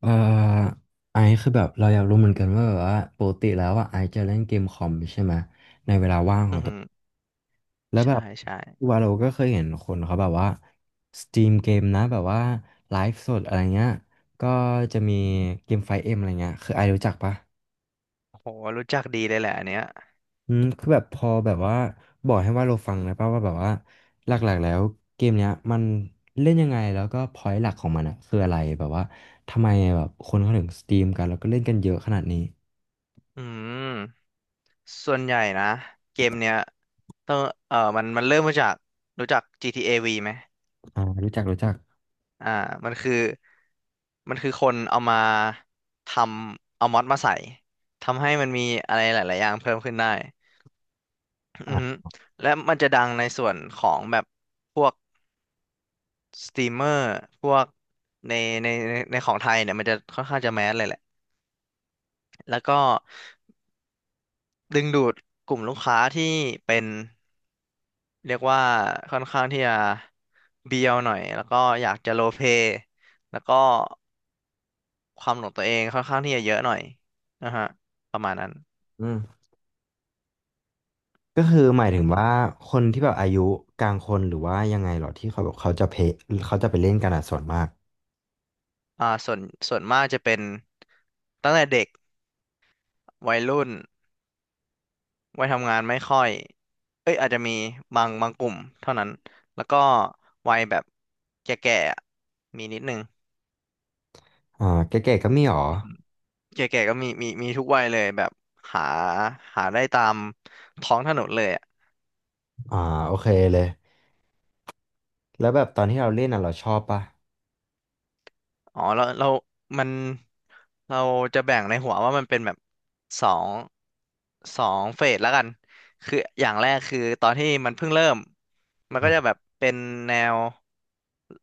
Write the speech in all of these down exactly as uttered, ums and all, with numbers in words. เอ่อไอซ์คือแบบเราอยากรู้เหมือนกันว่าแบบว่าปกติแล้วอ่ะไอซ์จะเล่นเกมคอมใช่ไหมเวลาว่างขอือองตัหืวอแล้วแบใช่บใช่วาโลก็เคยเห็นคนเขาแบบว่าสตรีมเกมนะแบบว่าไลฟ์สดอะไรเงี้ยก็จะมีเกมไฟเอ็มอะไรเงี้ยคือไอซ์รู้จักปะโหรู้จักดีเลยแหละอันเนี้ยอืมคือแบบพอแบบว่าบอกให้วาเราฟังนะป่ะว่าแบบว่าหลักๆแล้วเกมเนี้ยมันเล่นยังไงแล้วก็พอยต์หลักของมันอะคืออะไรแบบว่าทำไมแบบคนเขาถึงสตรีมกันแล้วก็เล่นกันเยอะขนาดนี้อืมส่วนใหญ่นะเกมเนี้ยต้องเออมันมันเริ่มมาจากรู้จัก จี ที เอ V ไหมอ่ารู้จักรู้จัก อ่ามันคือมันคือคนเอามาทำเอามอดมาใส่ทำให้มันมีอะไรหลายๆอย่างเพิ่มขึ้นได้อือฮึอ่ะและมันจะดังในส่วนของแบบพวกสตรีมเมอร์พวกในในในในของไทยเนี่ยมันจะค่อนข้างจะแมสเลยแหละแล้วก็ ดึงดูดกลุ่มลูกค้าที่เป็นเรียกว่าค่อนข้างที่จะเบียวหน่อยแล้วก็อยากจะโลเพแล้วก็ความหลงตัวเองค่อนข้างที่จะเยอะหน่อยนะฮะประมาณนั้นอืมก็คือหมายถึอืงอฮึว่าคนที่แบบอายุกลางคนหรือว่ายังไงเหรอที่เขาแบบเขาจะเพเขาจะไปเล่นกันอ่ะส่วนมากอ่าส่วนส่วนมากจะเป็นตั้งแต่เด็กวัยรุ่นวัยทำงานไม่ค่อยเอ้ยอาจจะมีบางบางกลุ่มเท่านั้นแล้วก็วัยแบบแก่ๆอะมีนิดนึง อ่าแก่ๆก็มีหรอ แก่ๆก็มีมีมีทุกวัยเลยแบบหาหาได้ตามท้องถนนเลยอะอ่าโอเคเลย แล้วแบบตอนที่เราเล่นอ่ะเราชอบปะอ๋อเราเรามันเราจะแบ่งในหัวว่ามันเป็นแบบสองสองเฟสแล้วกันคืออย่างแรกคือตอนที่มันเพิ่งเริ่มมันก็จะอ่าแบบเป็นแนว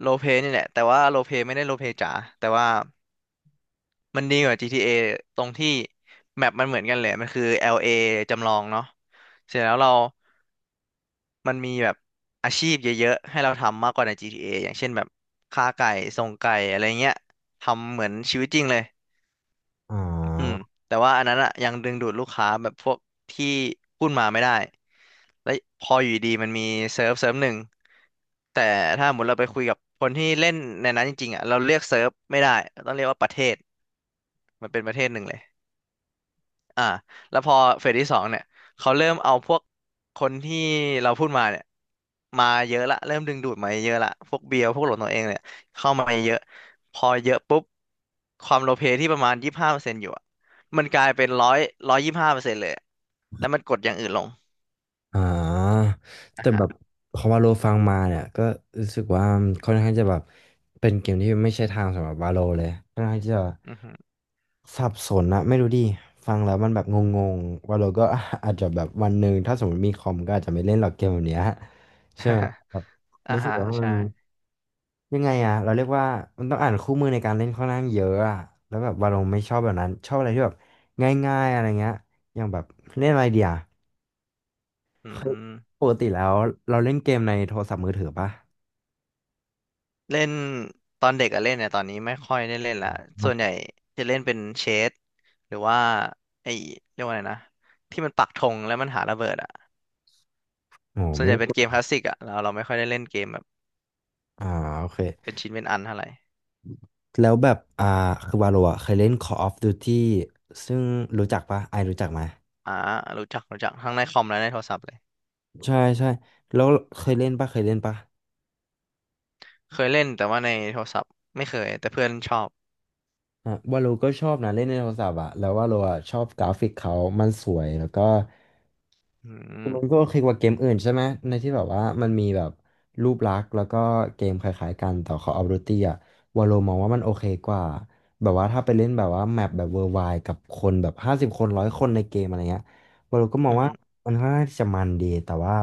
โรลเพลย์นี่แหละแต่ว่าโรลเพลย์ไม่ได้โรลเพลย์จ๋าแต่ว่ามันดีกว่า จี ที เอ ตรงที่แมปมันเหมือนกันเลยมันคือ แอล เอ จำลองเนาะเสร็จแล้วเรา มันมีแบบอาชีพเยอะๆให้เราทำมากกว่าใน จี ที เอ ออย่างเช่นแบบค้าไก่ส่งไก่อะไรเงี้ยทำเหมือนชีวิตจริงเลยอ่อืมา แต่ว่าอันนั้นอะยังดึงดูดลูกค้าแบบพวกที่พูดมาไม่ได้แล้วพออยู่ดีมันมีเซิร์ฟเซิร์ฟหนึ่งแต่ถ้าสมมติเราไปคุยกับคนที่เล่นในนั้นจริงๆอะเราเรียกเซิร์ฟไม่ได้ต้องเรียกว่าประเทศมันเป็นประเทศหนึ่งเลย อ่าแล้วพอเฟสที่สองเนี่ยเขาเริ่มเอาพวกคนที่เราพูดมาเนี่ยมาเยอะละเริ่มดึงดูดมาเยอะละพวกเบียร์พวกหลดตัวเองเนี่ยเข้ามาเยอะพอเยอะปุ๊บความโลเพที่ประมาณยี่สิบห้าเปอร์เซ็นต์อยู่อะมันกลายเป็นร้อยร้อยยี่สิบห้าเปอร์เซ็นต์เลยอะแล้วมันกดอย่างอื่นลงอ่าอ่าแต่ฮะแบบพอวาโลฟังมาเนี่ยก็รู้สึกว่าค่อนข้างจะแบบเป็นเกมที่ไม่ใช่ทางสำหรับวาโลเลยค่อนข้างจะอือฮึ สับสนนะไม่รู้ดิฟังแล้วมันแบบงงๆวาโลก็ อาจจะแบบวันหนึ่งถ้าสมมติมีคอมก็อาจจะไม่เล่นหรอกเกมแบบเนี้ยใช่ไหม แบบอ่ารู้สึกฮะว่ามัใช่นยังไงอะเราเรียกว่ามันต้องอ่านคู่มือในการเล่นค่อนข้างเยอะอะแล้วแบบวาโลไม่ชอบแบบนั้นชอบอะไรที่แบบง่ายๆอะไรเงี้ยอย่างแบบเล่นอะไรเดียว อืเคยม ปกติแล้วเราเล่นเกมในโทรศัพท์มือถือปะเล่นตอนเด็กอะเล่นเนี่ยตอนนี้ไม่ค่อยได้เล่นละส่ไม่วนใหญ่จะเล่นเป็นเชสหรือว่าไอ้เรียกว่าอะไรนะที่มันปักธงแล้วมันหาระเบิดอะโอ้ส่วนไม่ใหญ่ได้เป็กนดเกมคลาสสิกอะเราเราไม่ค่อยได้เล่นเกมแบบอ่าโอเคเป็นชิ้นเป็นอันเท่าไหร่แล้วแบบอ่าคือวาโลอ่ะเคยเล่น Call of Duty ซึ่งรู้จักปะไอรู้จักไหมอ่ารู้จักรู้จักทั้งในคอมและในโทรศัพท์เลยใช่ใช่แล้วเคยเล่นปะเคยเล่นปะเคยเล่นแต่ว่าในโทรศัพท์ไม่เคยแต่เพื่อนชอบอ่ะวาโลก็ชอบนะเล่นในโทรศัพท์อ่ะแล้ววาโลอ่ะชอบกราฟิกเขามันสวยแล้วก็ อืมมันก็โอเคกว่าเกมอื่นใช่ไหมในที่แบบว่ามันมีแบบรูปลักษณ์แล้วก็เกมคล้ายๆกันแต่เขาเอารูตีอะวาโลมองว่ามันโอเคกว่าแบบว่าถ้าไปเล่นแบบว่าแมปแบบเวอร์ไวกับคนแบบห้าสิบคนร้อยคนในเกมอะไรเงี้ยวาโลก็มองอืว่ามมันค่อนข้างที่จะมันดีแต่ว่า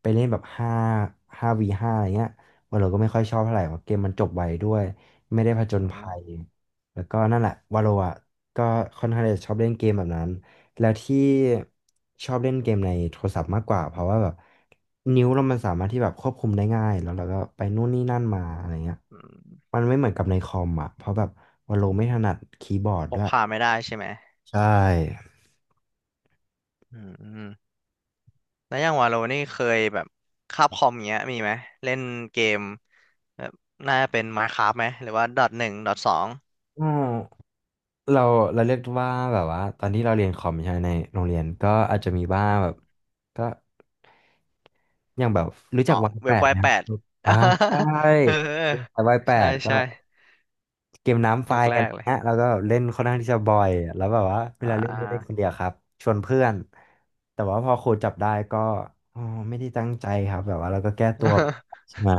ไปเล่นแบบห้าห้าวีห้าอะไรเงี้ยวาโลก็ไม่ค่อยชอบเท่าไหร่เพราะเกมมันจบไวด้วยไม่ได้ผจญอืภัยมแล้วก็นั่นแหละวาโลอะก็ค่อนข้างที่จะชอบเล่นเกมแบบนั้น แล้วที่ชอบเล่นเกมในโทรศัพท์มากกว่าเพราะว่าแบบนิ้วเรามันสามารถที่แบบควบคุมได้ง่ายแล้วเราก็ไปนู่นนี่นั่นมาอะไรเงี้ยอืมมันไม่เหมือนกับในคอมอ่ะเพราะแบบว่าเราไม่ถนัดคีย์บอร์ดพด้กวยพาไม่ได้ใช่ไหมใช่อืมแล้วอย่างวาโลนี่เคยแบบคาบคอมเงี้ยมีไหมเล่นเกม แบบน่าจะเป็น Minecraft ไหมหรือว่าดอหนึ่งดอสองอืมเราเราเรียกว่าแบบว่าตอนที่เราเรียนคอมใช่ไหมในโรงเรียนก็อาจจะมีบ้างแบบก็อย่างแบบรู้จัอ๋อกวายแปเว็บดไวไหมครัแปบด อ่าใช่ เออรู้จักวายแปใช่ดก็ ใช่เกมน้ำไฟยุคแรอะไรกเลยเงี้ยแล้วก็เล่นค่อนข้างที่จะบ่อยแล้วแบบว่าเวอ่ลาเล่นไม่ได้คนา เดียวครับชวนเพื่อนแต่ว่าพอครูจับได้ก็อ๋อไม่ได้ตั้งใจครับแบบว่าเราก็แก้ตัว ใช่ไหม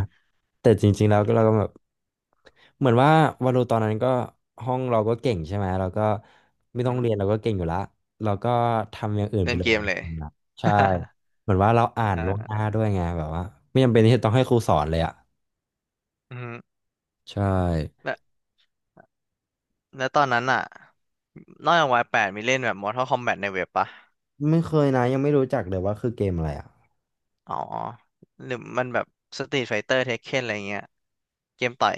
แต่จริงๆแล้วก็เราก็แบบเหมือนว่าวาโลตอนนั้นก็ห้องเราก็เก่งใช่ไหมเราก็ไม่อืต้องมเรียนเราก็เก่งอยู่ละเราก็ทำอย่างอื่นไปเล่นเลเกยมเลย นะใช่เหมือนว่าเรา อ่าอ่นล่วงหน้าาด้วยไงแบบว่าไม่จำเป็นที่จะต้องให้ครูสอนเลยอ่ะอืมใช่แล้วแล้วตอนนั้นอ่ะนอกจากวายแปดมีเล่นแบบ Mortal Kombat ในเว็บปะไม่เคยนะยังไม่รู้จักเลยว่าคือเกมอะไรอ่ะอ๋อหรือมันแบบ Street Fighter Tekken อะไรเงี้ยเกมต่อย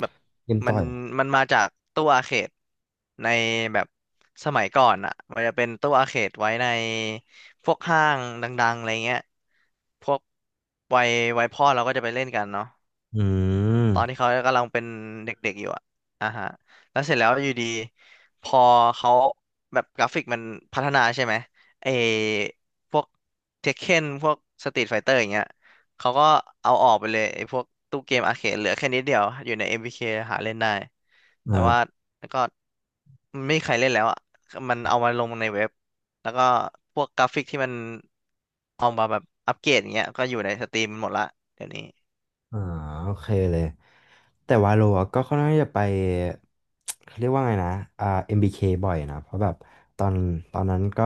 แบบเกมมัต่นอย มันมาจากตู้อาร์เขตในแบบสมัยก่อนอ่ะมันจะเป็นตู้อาร์เขตไว้ในพวกห้างดังๆอะไรเงี้ยพวกวัยวัยพ่อเราก็จะไปเล่นกันเนาะ อืตอนที่มเขากำลังเป็นเด็กๆอยู่อะอ่าฮะแล้วเสร็จแล้วอยู่ดี พอเขาแบบกราฟิกมันพัฒนาใช่ไหมไอพวกเทคเคนพวกสตรีทไฟเตอร์อย่างเงี้ยเขาก็เอาออกไปเลยไอพวกตู้เกมอาร์เคดเหลือแค่นิดเดียวอยู่ใน เอ็ม วี เค หาเล่นได้ แต่อ่า ว่าแล้วก็ไม่มีใครเล่นแล้วอะมันเอามาลงในเว็บแล้วก็พวกกราฟิกที่มันเอามาแบบอัปเกรดอย่างเงี้ยก็อยู่ในสตรีมหมดละเดี๋ยวนี้อ่าโอเคเลยแต่วาโลอะก็ค่อนข้างที่จะไป เขาเรียกว่าไงนะอ่า เอ็ม บี เค บเคบ่อยนะเพราะแบบตอนตอนนั้นก็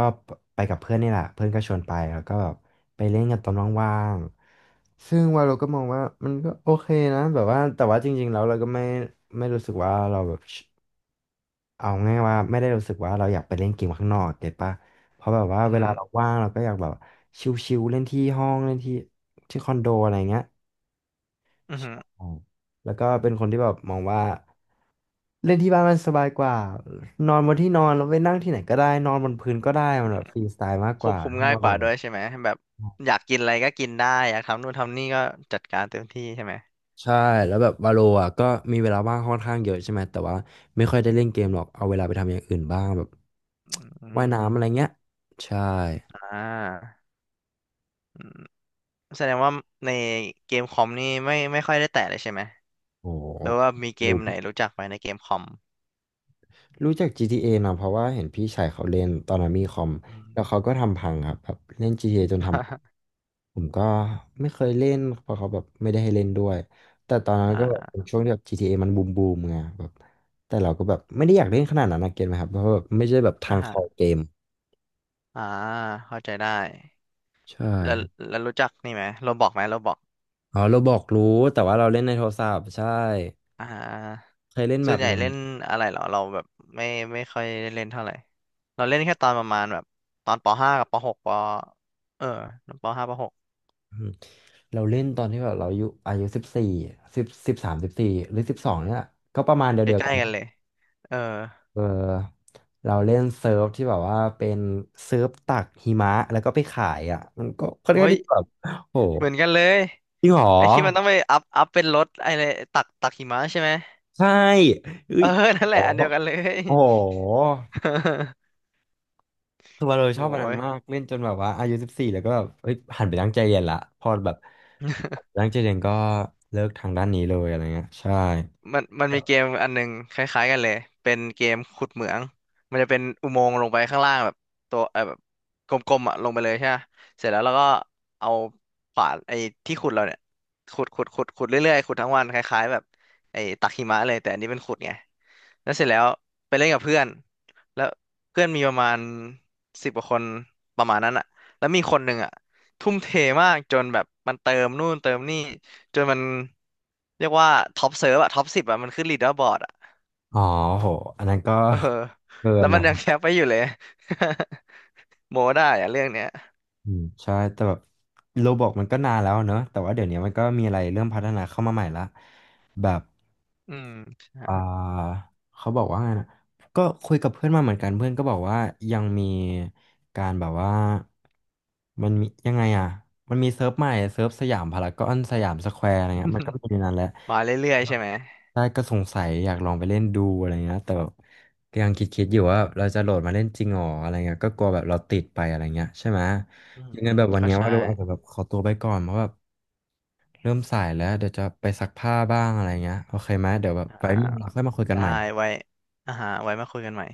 ไปกับเพื่อนนี่แหละเพื่อนก็ชวนไปแล้วก็แบบไปเล่นกันตอนว่างๆซึ่งวาโลก็มองว่ามันก็โอเคนะแบบว่าแต่ว่าจริงๆแล้วเราก็ไม่ไม่รู้สึกว่าเราแบบเอาง่ายว่าไม่ได้รู้สึกว่าเราอยากไปเล่นเกมข้างนอกเก็ตปะเพราะแบบว่าเวอืลาอเราอว่างเราก็อยากแบบชิลๆเล่นที่ห้องเล่นที่ที่คอนโดอะไรเงี้ย อือหือ อืมแล้วก็เป็นคนที่แบบมองว่าเล่นที่บ้านมันสบายกว่า นอนบนที่นอนแล้วไปนั่งที่ไหนก็ได้ นอนบนพื้นก็ได้มันแบบฟรีสไตล์มากคกวว่าบคุมให้โมง่ายกโดว่านด้วยใช่ไหมแบบอยากกินอะไรก็กินได้อยากทำนู่นทำนี่ก็จัดการเต็มที่ใช่ไหมใช่ แล้วแบบวาโลอ่ะก็มีเวลาว่างค่อนข้างเยอะใช่ไหม แต่ว่าไม่ค่อยได้เล่นเกมหรอกเอาเวลาไปทำอย่างอื่นบ้างแบบ อื ว่ายมน้ำอะไรเงี้ย ใช่อ่าอืมแสดงว่าในเกมคอมนี่ไม่ไม่ค่อยได้แตะเลยใช่ไหมโหรือหว่ามีเกมรู้ ไหนรู้จักไหมในเกมคอมรู้จัก จี ที เอ นะเพราะว่าเห็นพี่ชายเขาเล่นตอนนั้นมีคอมอืแล้วม เขาก็ทำพังครับแบบเล่น จี ที เอ จนท ำผมก็ไม่เคยเล่นเพราะเขาแบบไม่ได้ให้เล่นด้วยแต่ตอนนั้นอ่ก็แบบเป็นาช่วงที่แบบ จี ที เอ มันบูมบูมไงแบบแต่เราก็แบบไม่ได้อยากเล่นขนาดนั้นนะเก็ตไหมครับเพราะว่าแบบไม่ใช่แบบทางคออ่าเกมอ่าเข้าใจได้ใช่แล้วครับแล้วรู้จักนี่ไหมโรบอกไหมโรบอก อ๋อเราบอกรู้แต่ว่าเราเล่นในโทรศัพท์ใช่อ่าเคยเล่นแบส่วบนใหญ่หนึ่งเล่นอะไรเหรอเราแบบไม่ไม่ค่อยได้เล่นเท่าไหร่เราเล่นแค่ตอนประมาณแบบตอนปห้ากับปหกปเออปห้าปหกอืมเราเล่นตอนที่แบบเราอายุอายุสิบสี่สิบสิบสามสิบสี่หรือสิบสองเนี่ยก็ประมาณใกเดียวๆกัล้น ๆกันเลยเออเออเราเล่นเซิร์ฟที่แบบว่าเป็นเซิร์ฟตักหิมะแล้วก็ไปขายอ่ะมันก็ค่อนข้างเฮ้ยที่แบบโหเหมือนกันเลยจริงเหรอไอ้ที่มันต้องไปอัพอัพเป็นรถไอ้เลยตักตักหิมะใช่ไหมใช่เอ้เออยนั่นโหแหละอันเดียวกันเลย โอ้โห คือว่าเราชโอ้อบวันนั้นย มากเล่นจนแบบว่าอายุสิบสี่แล้วก็แบบเฮ้ยหันไปตั้งใจเรียนละพอแบบตั้งใจเรียนก็เลิกทางด้านนี้เลยอะไรเงี้ยใช่มันมันมีเกมอันหนึงคล้ายๆกันเลยเป็นเกมขุดเหมืองมันจะเป็นอุโมงค์ลงไปข้างล่างแบบตัวเออแบบกลมๆอ่ะลงไปเลยใช่ไหมเสร็จแล้วเราก็เอาขวานไอ้ที่ขุดเราเนี่ยขุดขุดขุดขุดเรื่อยๆขุดทั้งวันคล้ายๆแบบไอ้ตักหิมะเลยแต่อันนี้เป็นขุดไง แล้วเสร็จแล้วไปเล่นกับเพื่อนแล้วเพื่อนมีประมาณสิบกว่าคนประมาณนั้นอะแล้วมีคนหนึ่งอะทุ่มเทมากจนแบบมันเติมนู่นเติมนี่จนมันเรียกว่าท็อปเซิร์ฟอะท็อปสิบอะมันขึ้นลีดเดอร์บอร์ดอะอ๋อโหอันนั้นก็ เออ เกิแล้นวมันนะ ยังแคปไปอยู่เลย โมได้อะเรื่องเนี้ยอืมใช่แต่แบบโรบอกมันก็นานแล้วเนอะแต่ว่าเดี๋ยวนี้มันก็มีอะไรเริ่มพัฒนาเข้ามาใหม่ละแบบอืมใช่ อ่าเขาบอกว่าไงนะก็คุยกับเพื่อนมาเหมือนกันเพื่อนก็บอกว่ายังมีการแบบว่ามันมียังไงอ่ะมันมีเซิร์ฟใหม่เซิร์ฟสยามพารากอนสยามสแควร์อะไรเงี้ยมันก็มีในนั้นแหละ มาเรื่อยๆใช่ไหมใช่ก็สงสัยอยากลองไปเล่นดูอะไรเงี้ยแต่แบบก็ยังคิดๆอยู่ว่าเราจะโหลดมาเล่นจริงหรออะไรเงี้ยก็กลัวแบบเราติดไปอะไรเงี้ยใช่ไหมอืยังไงมแบบวันก็เนี้ยว่าใช่เราอาจจะแบบขอตัวไปก่อนเพราะแบบเริ่มสายแล้วเดี๋ยวจะไปซักผ้าบ้างอะไรเงี้ยโอเคไหมเดี๋ยวแบบไว้อ่ามีเวลาค่อยมาคุยกันได้ใหม่ไว้อ่าฮะไว้มาคุยกันใหม่